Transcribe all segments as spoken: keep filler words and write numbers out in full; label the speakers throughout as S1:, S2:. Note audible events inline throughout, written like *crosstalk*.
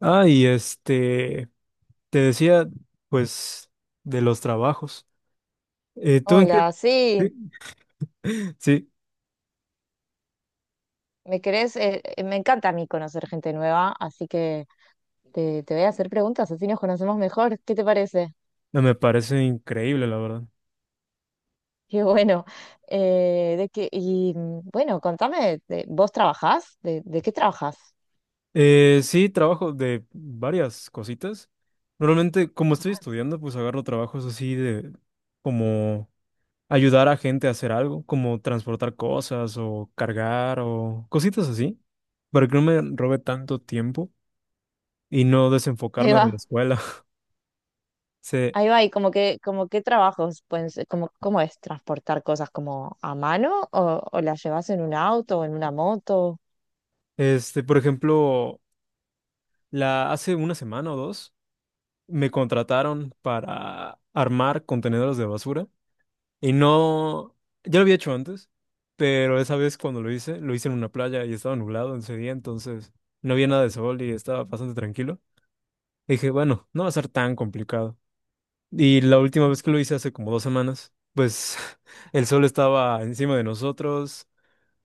S1: Ah, y este, te decía, pues, de los trabajos. Eh, ¿tú en qué?
S2: Hola,
S1: Sí,
S2: sí,
S1: *laughs* sí,
S2: me querés, eh, eh, me encanta a mí conocer gente nueva, así que te, te voy a hacer preguntas, así nos conocemos mejor. ¿Qué te parece?
S1: no, me parece increíble, la verdad.
S2: *laughs* Qué bueno. Eh, de que, y mm, bueno, Contame, de- ¿vos trabajás? ¿De, de qué trabajás?
S1: Eh, sí, trabajo de varias cositas. Normalmente, como estoy estudiando, pues agarro trabajos así de como ayudar a gente a hacer algo, como transportar cosas o cargar o cositas así, para que no me robe tanto tiempo y no
S2: Ahí
S1: desenfocarme de
S2: va,
S1: la escuela. *laughs* Sí,
S2: ahí va, y como que, como qué trabajos, pues, como, ¿cómo es transportar cosas como a mano o, o las llevas en un auto o en una moto?
S1: este, por ejemplo. La, hace una semana o dos me contrataron para armar contenedores de basura y no, ya lo había hecho antes, pero esa vez cuando lo hice, lo hice en una playa y estaba nublado ese día, entonces no había nada de sol y estaba bastante tranquilo. Y dije, bueno, no va a ser tan complicado. Y la última vez que lo hice hace como dos semanas, pues *laughs* el sol estaba encima de nosotros,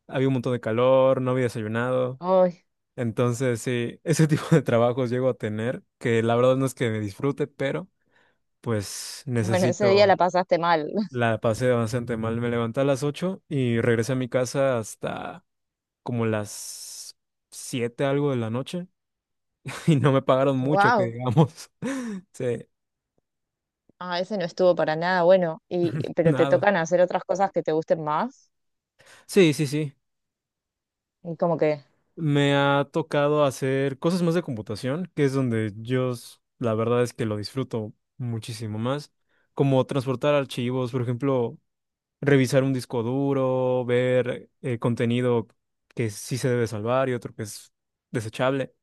S1: había un montón de calor, no había desayunado.
S2: Ay,
S1: Entonces, sí, ese *laughs* tipo de trabajos llego a tener, que la verdad no es que me disfrute, pero pues
S2: bueno, ese día la
S1: necesito,
S2: pasaste mal. *laughs*
S1: la pasé bastante mal. Me levanté a las ocho y regresé a mi casa hasta como las siete algo de la noche *laughs* y no me pagaron mucho, que
S2: Wow.
S1: digamos. *laughs* Sí,
S2: Ah, ese no estuvo para nada bueno. Y, pero te
S1: nada.
S2: tocan hacer otras cosas que te gusten más.
S1: Sí, sí, sí.
S2: Y como que,
S1: Me ha tocado hacer cosas más de computación, que es donde yo, s- la verdad es que lo disfruto muchísimo más como transportar archivos, por ejemplo, revisar un disco duro, ver eh, contenido que sí se debe salvar y otro que es desechable.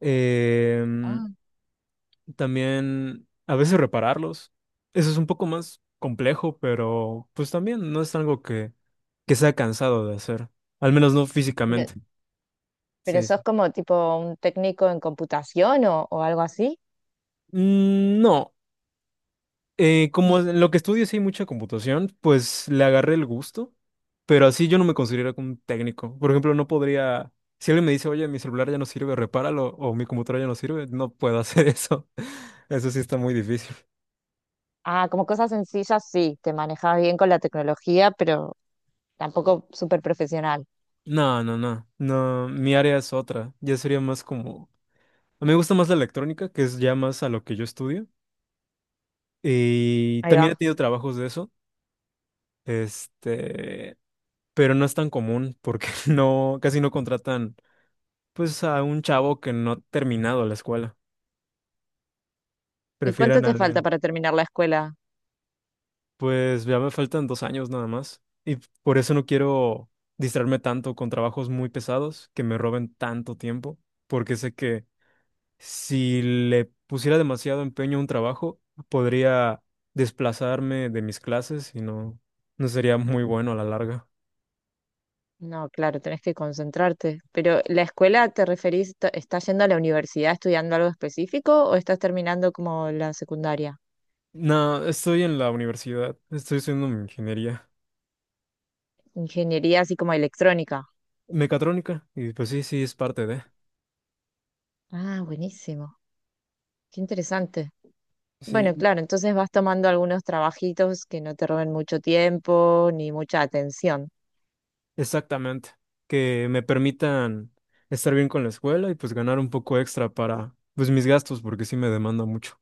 S1: Em,
S2: ah,
S1: También a veces repararlos. Eso es un poco más complejo, pero pues también no es algo que, que sea cansado de hacer, al menos no
S2: pero,
S1: físicamente.
S2: pero
S1: Sí,
S2: sos
S1: sí.
S2: como tipo un técnico en computación o, o algo así.
S1: Mm, no. Eh, como en lo que estudio sí hay mucha computación, pues le agarré el gusto, pero así yo no me considero como un técnico. Por ejemplo, no podría, si alguien me dice, oye, mi celular ya no sirve, repáralo, o mi computadora ya no sirve, no puedo hacer eso. *laughs* Eso sí está muy difícil.
S2: Ah, como cosas sencillas, sí, te manejas bien con la tecnología, pero tampoco súper profesional.
S1: No, no, no, no, mi área es otra, ya sería más como, a mí me gusta más la electrónica, que es ya más a lo que yo estudio, y
S2: Ahí
S1: también he
S2: va.
S1: tenido trabajos de eso, este, pero no es tan común porque *laughs* no, casi no contratan pues a un chavo que no ha terminado la escuela.
S2: ¿Y cuánto
S1: Prefieran a
S2: te falta
S1: alguien.
S2: para terminar la escuela?
S1: Pues ya me faltan dos años nada más. Y por eso no quiero distraerme tanto con trabajos muy pesados que me roben tanto tiempo. Porque sé que si le pusiera demasiado empeño a un trabajo, podría desplazarme de mis clases y no, no sería muy bueno a la larga.
S2: No, claro, tenés que concentrarte. Pero ¿la escuela te referís, t- estás yendo a la universidad estudiando algo específico o estás terminando como la secundaria?
S1: No, estoy en la universidad. Estoy haciendo mi ingeniería
S2: Ingeniería así como electrónica.
S1: mecatrónica. Y pues sí, sí, es parte de.
S2: Ah, buenísimo. Qué interesante. Bueno,
S1: Sí,
S2: claro, entonces vas tomando algunos trabajitos que no te roben mucho tiempo ni mucha atención.
S1: exactamente, que me permitan estar bien con la escuela y pues ganar un poco extra para pues mis gastos, porque sí me demanda mucho.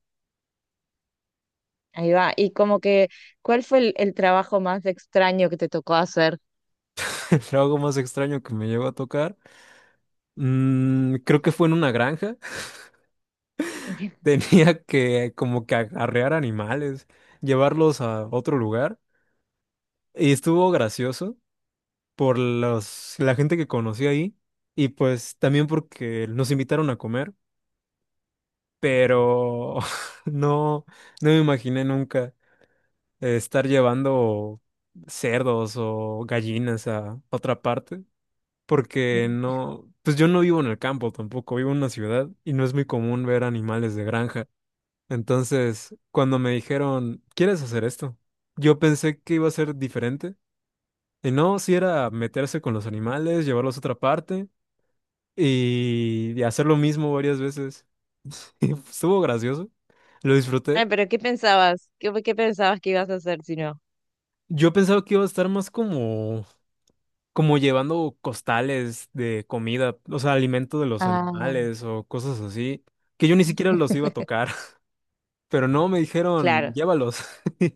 S2: Ahí va. Y como que, ¿cuál fue el, el trabajo más extraño que te tocó hacer?
S1: *laughs* El trabajo más extraño que me llegó a tocar, mm, creo que fue en una granja. *laughs*
S2: *laughs*
S1: Tenía que como que arrear animales, llevarlos a otro lugar y estuvo gracioso por los, la gente que conocí ahí y pues también porque nos invitaron a comer, pero *laughs* no, no me imaginé nunca eh, estar llevando cerdos o gallinas a otra parte, porque no, pues yo no vivo en el campo tampoco, vivo en una ciudad y no es muy común ver animales de granja. Entonces, cuando me dijeron, ¿quieres hacer esto? Yo pensé que iba a ser diferente. Y no, si era meterse con los animales, llevarlos a otra parte y y hacer lo mismo varias veces. *laughs* Estuvo gracioso, lo
S2: Ay,
S1: disfruté.
S2: pero ¿qué pensabas? ¿Qué, qué pensabas que ibas a hacer si no?
S1: Yo pensaba que iba a estar más como como llevando costales de comida, o sea, alimento de los
S2: Ah,
S1: animales o cosas así, que yo ni siquiera los iba a
S2: *laughs*
S1: tocar, *laughs* pero no, me dijeron,
S2: claro.
S1: llévalos.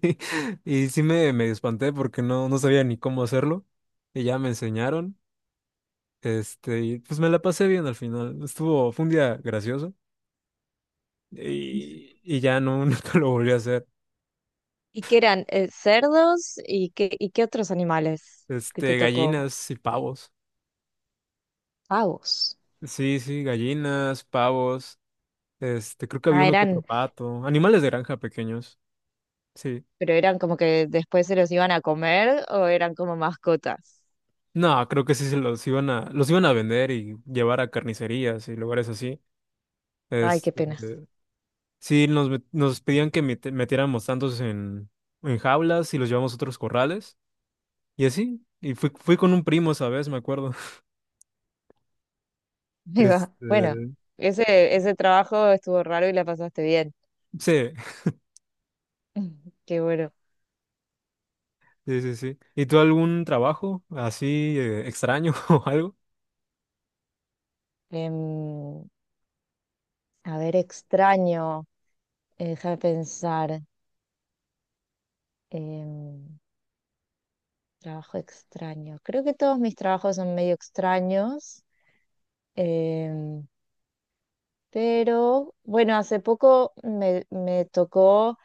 S1: *laughs* Y sí me, me espanté porque no, no sabía ni cómo hacerlo. Y ya me enseñaron. Este, y pues me la pasé bien al final. Estuvo, fue un día gracioso. Y, y ya no, *laughs* nunca lo volví a hacer.
S2: ¿Y qué eran? Eh, ¿cerdos? ¿Y qué, y qué otros animales que te
S1: Este,
S2: tocó?
S1: gallinas y pavos.
S2: Pavos.
S1: Sí, sí, gallinas, pavos. Este, creo que había
S2: Ah,
S1: uno que otro
S2: eran
S1: pato. Animales de granja pequeños. Sí.
S2: ¿Pero eran como que después se los iban a comer o eran como mascotas?
S1: No, creo que sí se los iban a, los iban a vender y llevar a carnicerías y lugares así.
S2: Ay, qué
S1: Este,
S2: pena.
S1: sí, nos, met- nos pedían que mete- metiéramos tantos en, en jaulas y los llevamos a otros corrales. Y así. Y fui, fui con un primo esa vez, me acuerdo. *laughs*
S2: *laughs* Ahí va. Bueno,
S1: Este,
S2: ese, ese trabajo estuvo raro y la pasaste bien.
S1: sí,
S2: *laughs* Qué bueno.
S1: sí, sí, sí. ¿Y tú algún trabajo así eh, extraño *laughs* o algo?
S2: Em, a ver, extraño. Eh, déjame pensar. Em, Trabajo extraño. Creo que todos mis trabajos son medio extraños. Em, Pero bueno, hace poco me, me tocó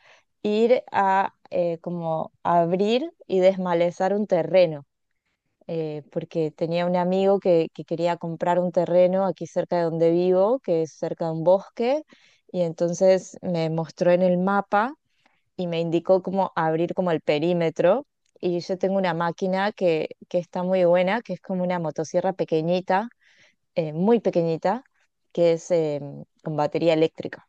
S2: ir a eh, como abrir y desmalezar un terreno, eh, porque tenía un amigo que, que quería comprar un terreno aquí cerca de donde vivo, que es cerca de un bosque, y entonces me mostró en el mapa y me indicó cómo abrir como el perímetro. Y yo tengo una máquina que, que está muy buena, que es como una motosierra pequeñita, eh, muy pequeñita, que es... em, con batería eléctrica.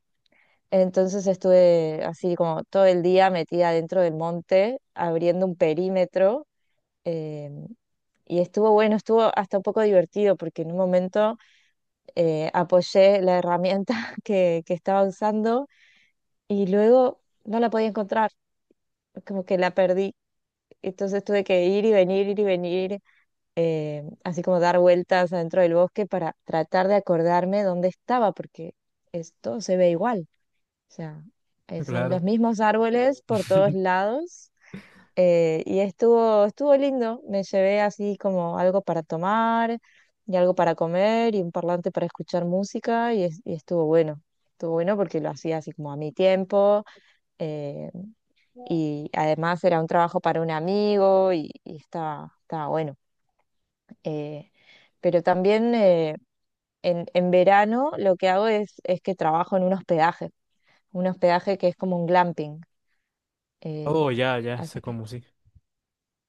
S2: Entonces estuve así como todo el día metida dentro del monte, abriendo un perímetro. eh, y estuvo bueno, estuvo hasta un poco divertido porque en un momento eh, apoyé la herramienta *laughs* que, que estaba usando y luego no la podía encontrar, como que la perdí. Entonces tuve que ir y venir, ir y venir, eh, así como dar vueltas adentro del bosque para tratar de acordarme dónde estaba, porque esto se ve igual. O sea, eh, son los
S1: Claro.
S2: mismos árboles por todos
S1: *laughs*
S2: lados. Eh, y estuvo, estuvo lindo. Me llevé así como algo para tomar y algo para comer y un parlante para escuchar música y, es- y estuvo bueno. Estuvo bueno porque lo hacía así como a mi tiempo eh, y además era un trabajo para un amigo y, y estaba, estaba bueno. Eh, pero también eh, en, en verano lo que hago es, es que trabajo en un hospedaje, un hospedaje que es como un glamping. Eh,
S1: Oh, ya, ya, sé
S2: así que,
S1: cómo sí.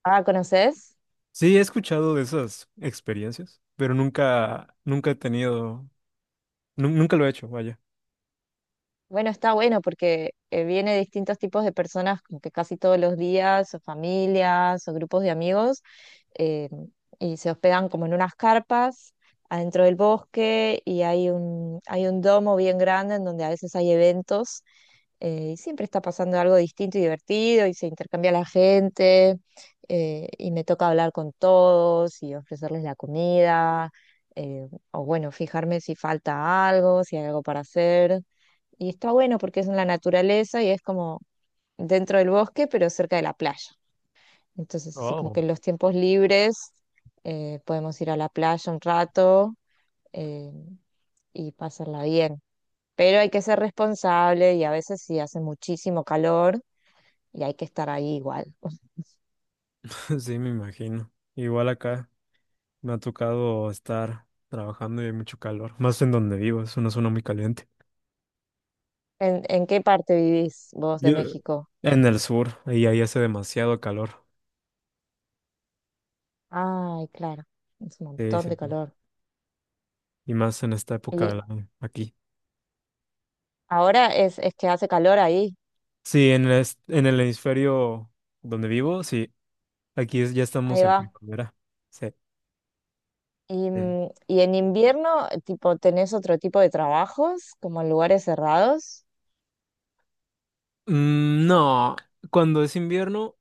S2: ah, ¿conoces?
S1: Sí, he escuchado de esas experiencias, pero nunca, nunca he tenido. Nu- nunca lo he hecho, vaya.
S2: Bueno, está bueno porque eh, viene de distintos tipos de personas, como que casi todos los días, o familias, o grupos de amigos, eh, y se hospedan como en unas carpas adentro del bosque y hay un, hay un domo bien grande en donde a veces hay eventos eh, y siempre está pasando algo distinto y divertido y se intercambia la gente eh, y me toca hablar con todos y ofrecerles la comida eh, o bueno, fijarme si falta algo, si hay algo para hacer. Y está bueno porque es en la naturaleza y es como dentro del bosque, pero cerca de la playa. Entonces, así como
S1: Oh.
S2: que en los tiempos libres eh, podemos ir a la playa un rato eh, y pasarla bien. Pero hay que ser responsable y a veces sí hace muchísimo calor y hay que estar ahí igual.
S1: *laughs* Sí, me imagino. Igual acá me ha tocado estar trabajando y hay mucho calor. Más en donde vivo, es una zona muy caliente.
S2: ¿En, en qué parte vivís vos de
S1: Yo,
S2: México?
S1: en el sur, ahí ahí hace demasiado calor.
S2: Ay, claro, es un
S1: Sí,
S2: montón
S1: sí,
S2: de
S1: sí.
S2: calor.
S1: Y más en esta época
S2: Y
S1: del año, aquí.
S2: ahora es, es que hace calor ahí,
S1: Sí, en el, est- en el hemisferio donde vivo, sí. Aquí es- ya
S2: ahí
S1: estamos en
S2: va.
S1: primavera. Sí,
S2: Y,
S1: sí.
S2: mm, y en invierno, tipo, ¿tenés otro tipo de trabajos, como en lugares cerrados?
S1: Mm, no, cuando es invierno,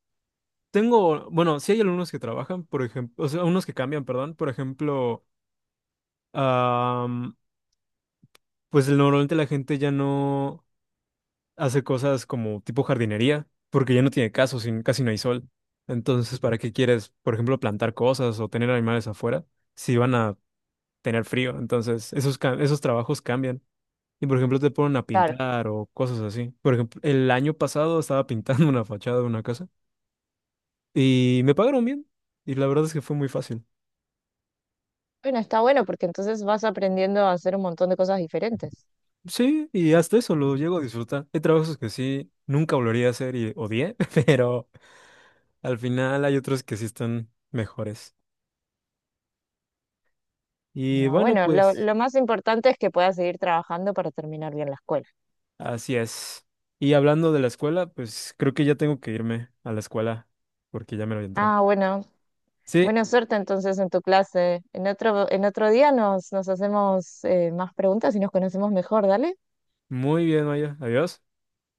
S1: tengo, bueno, sí hay algunos que trabajan, por ejemplo, o sea, unos que cambian, perdón. Por ejemplo, am, pues normalmente la gente ya no hace cosas como tipo jardinería, porque ya no tiene caso, sin, casi no hay sol. Entonces, ¿para qué quieres, por ejemplo, plantar cosas o tener animales afuera si van a tener frío? Entonces, esos, ca- esos trabajos cambian. Y, por ejemplo, te ponen a
S2: Claro.
S1: pintar o cosas así. Por ejemplo, el año pasado estaba pintando *laughs* una fachada de una casa y me pagaron bien. Y la verdad es que fue muy fácil.
S2: Bueno, está bueno porque entonces vas aprendiendo a hacer un montón de cosas diferentes.
S1: Sí, y hasta eso lo llego a disfrutar. Hay trabajos que sí, nunca volvería a hacer y odié, *laughs* pero al final hay otros que sí están mejores. Y
S2: Digo,
S1: bueno,
S2: bueno, lo,
S1: pues
S2: lo más importante es que puedas seguir trabajando para terminar bien la escuela.
S1: así es. Y hablando de la escuela, pues creo que ya tengo que irme a la escuela porque ya me lo entró.
S2: Ah, bueno,
S1: Sí,
S2: buena suerte entonces en tu clase. En otro, en otro día nos, nos hacemos eh, más preguntas y nos conocemos mejor, dale.
S1: muy bien, Maya. Adiós.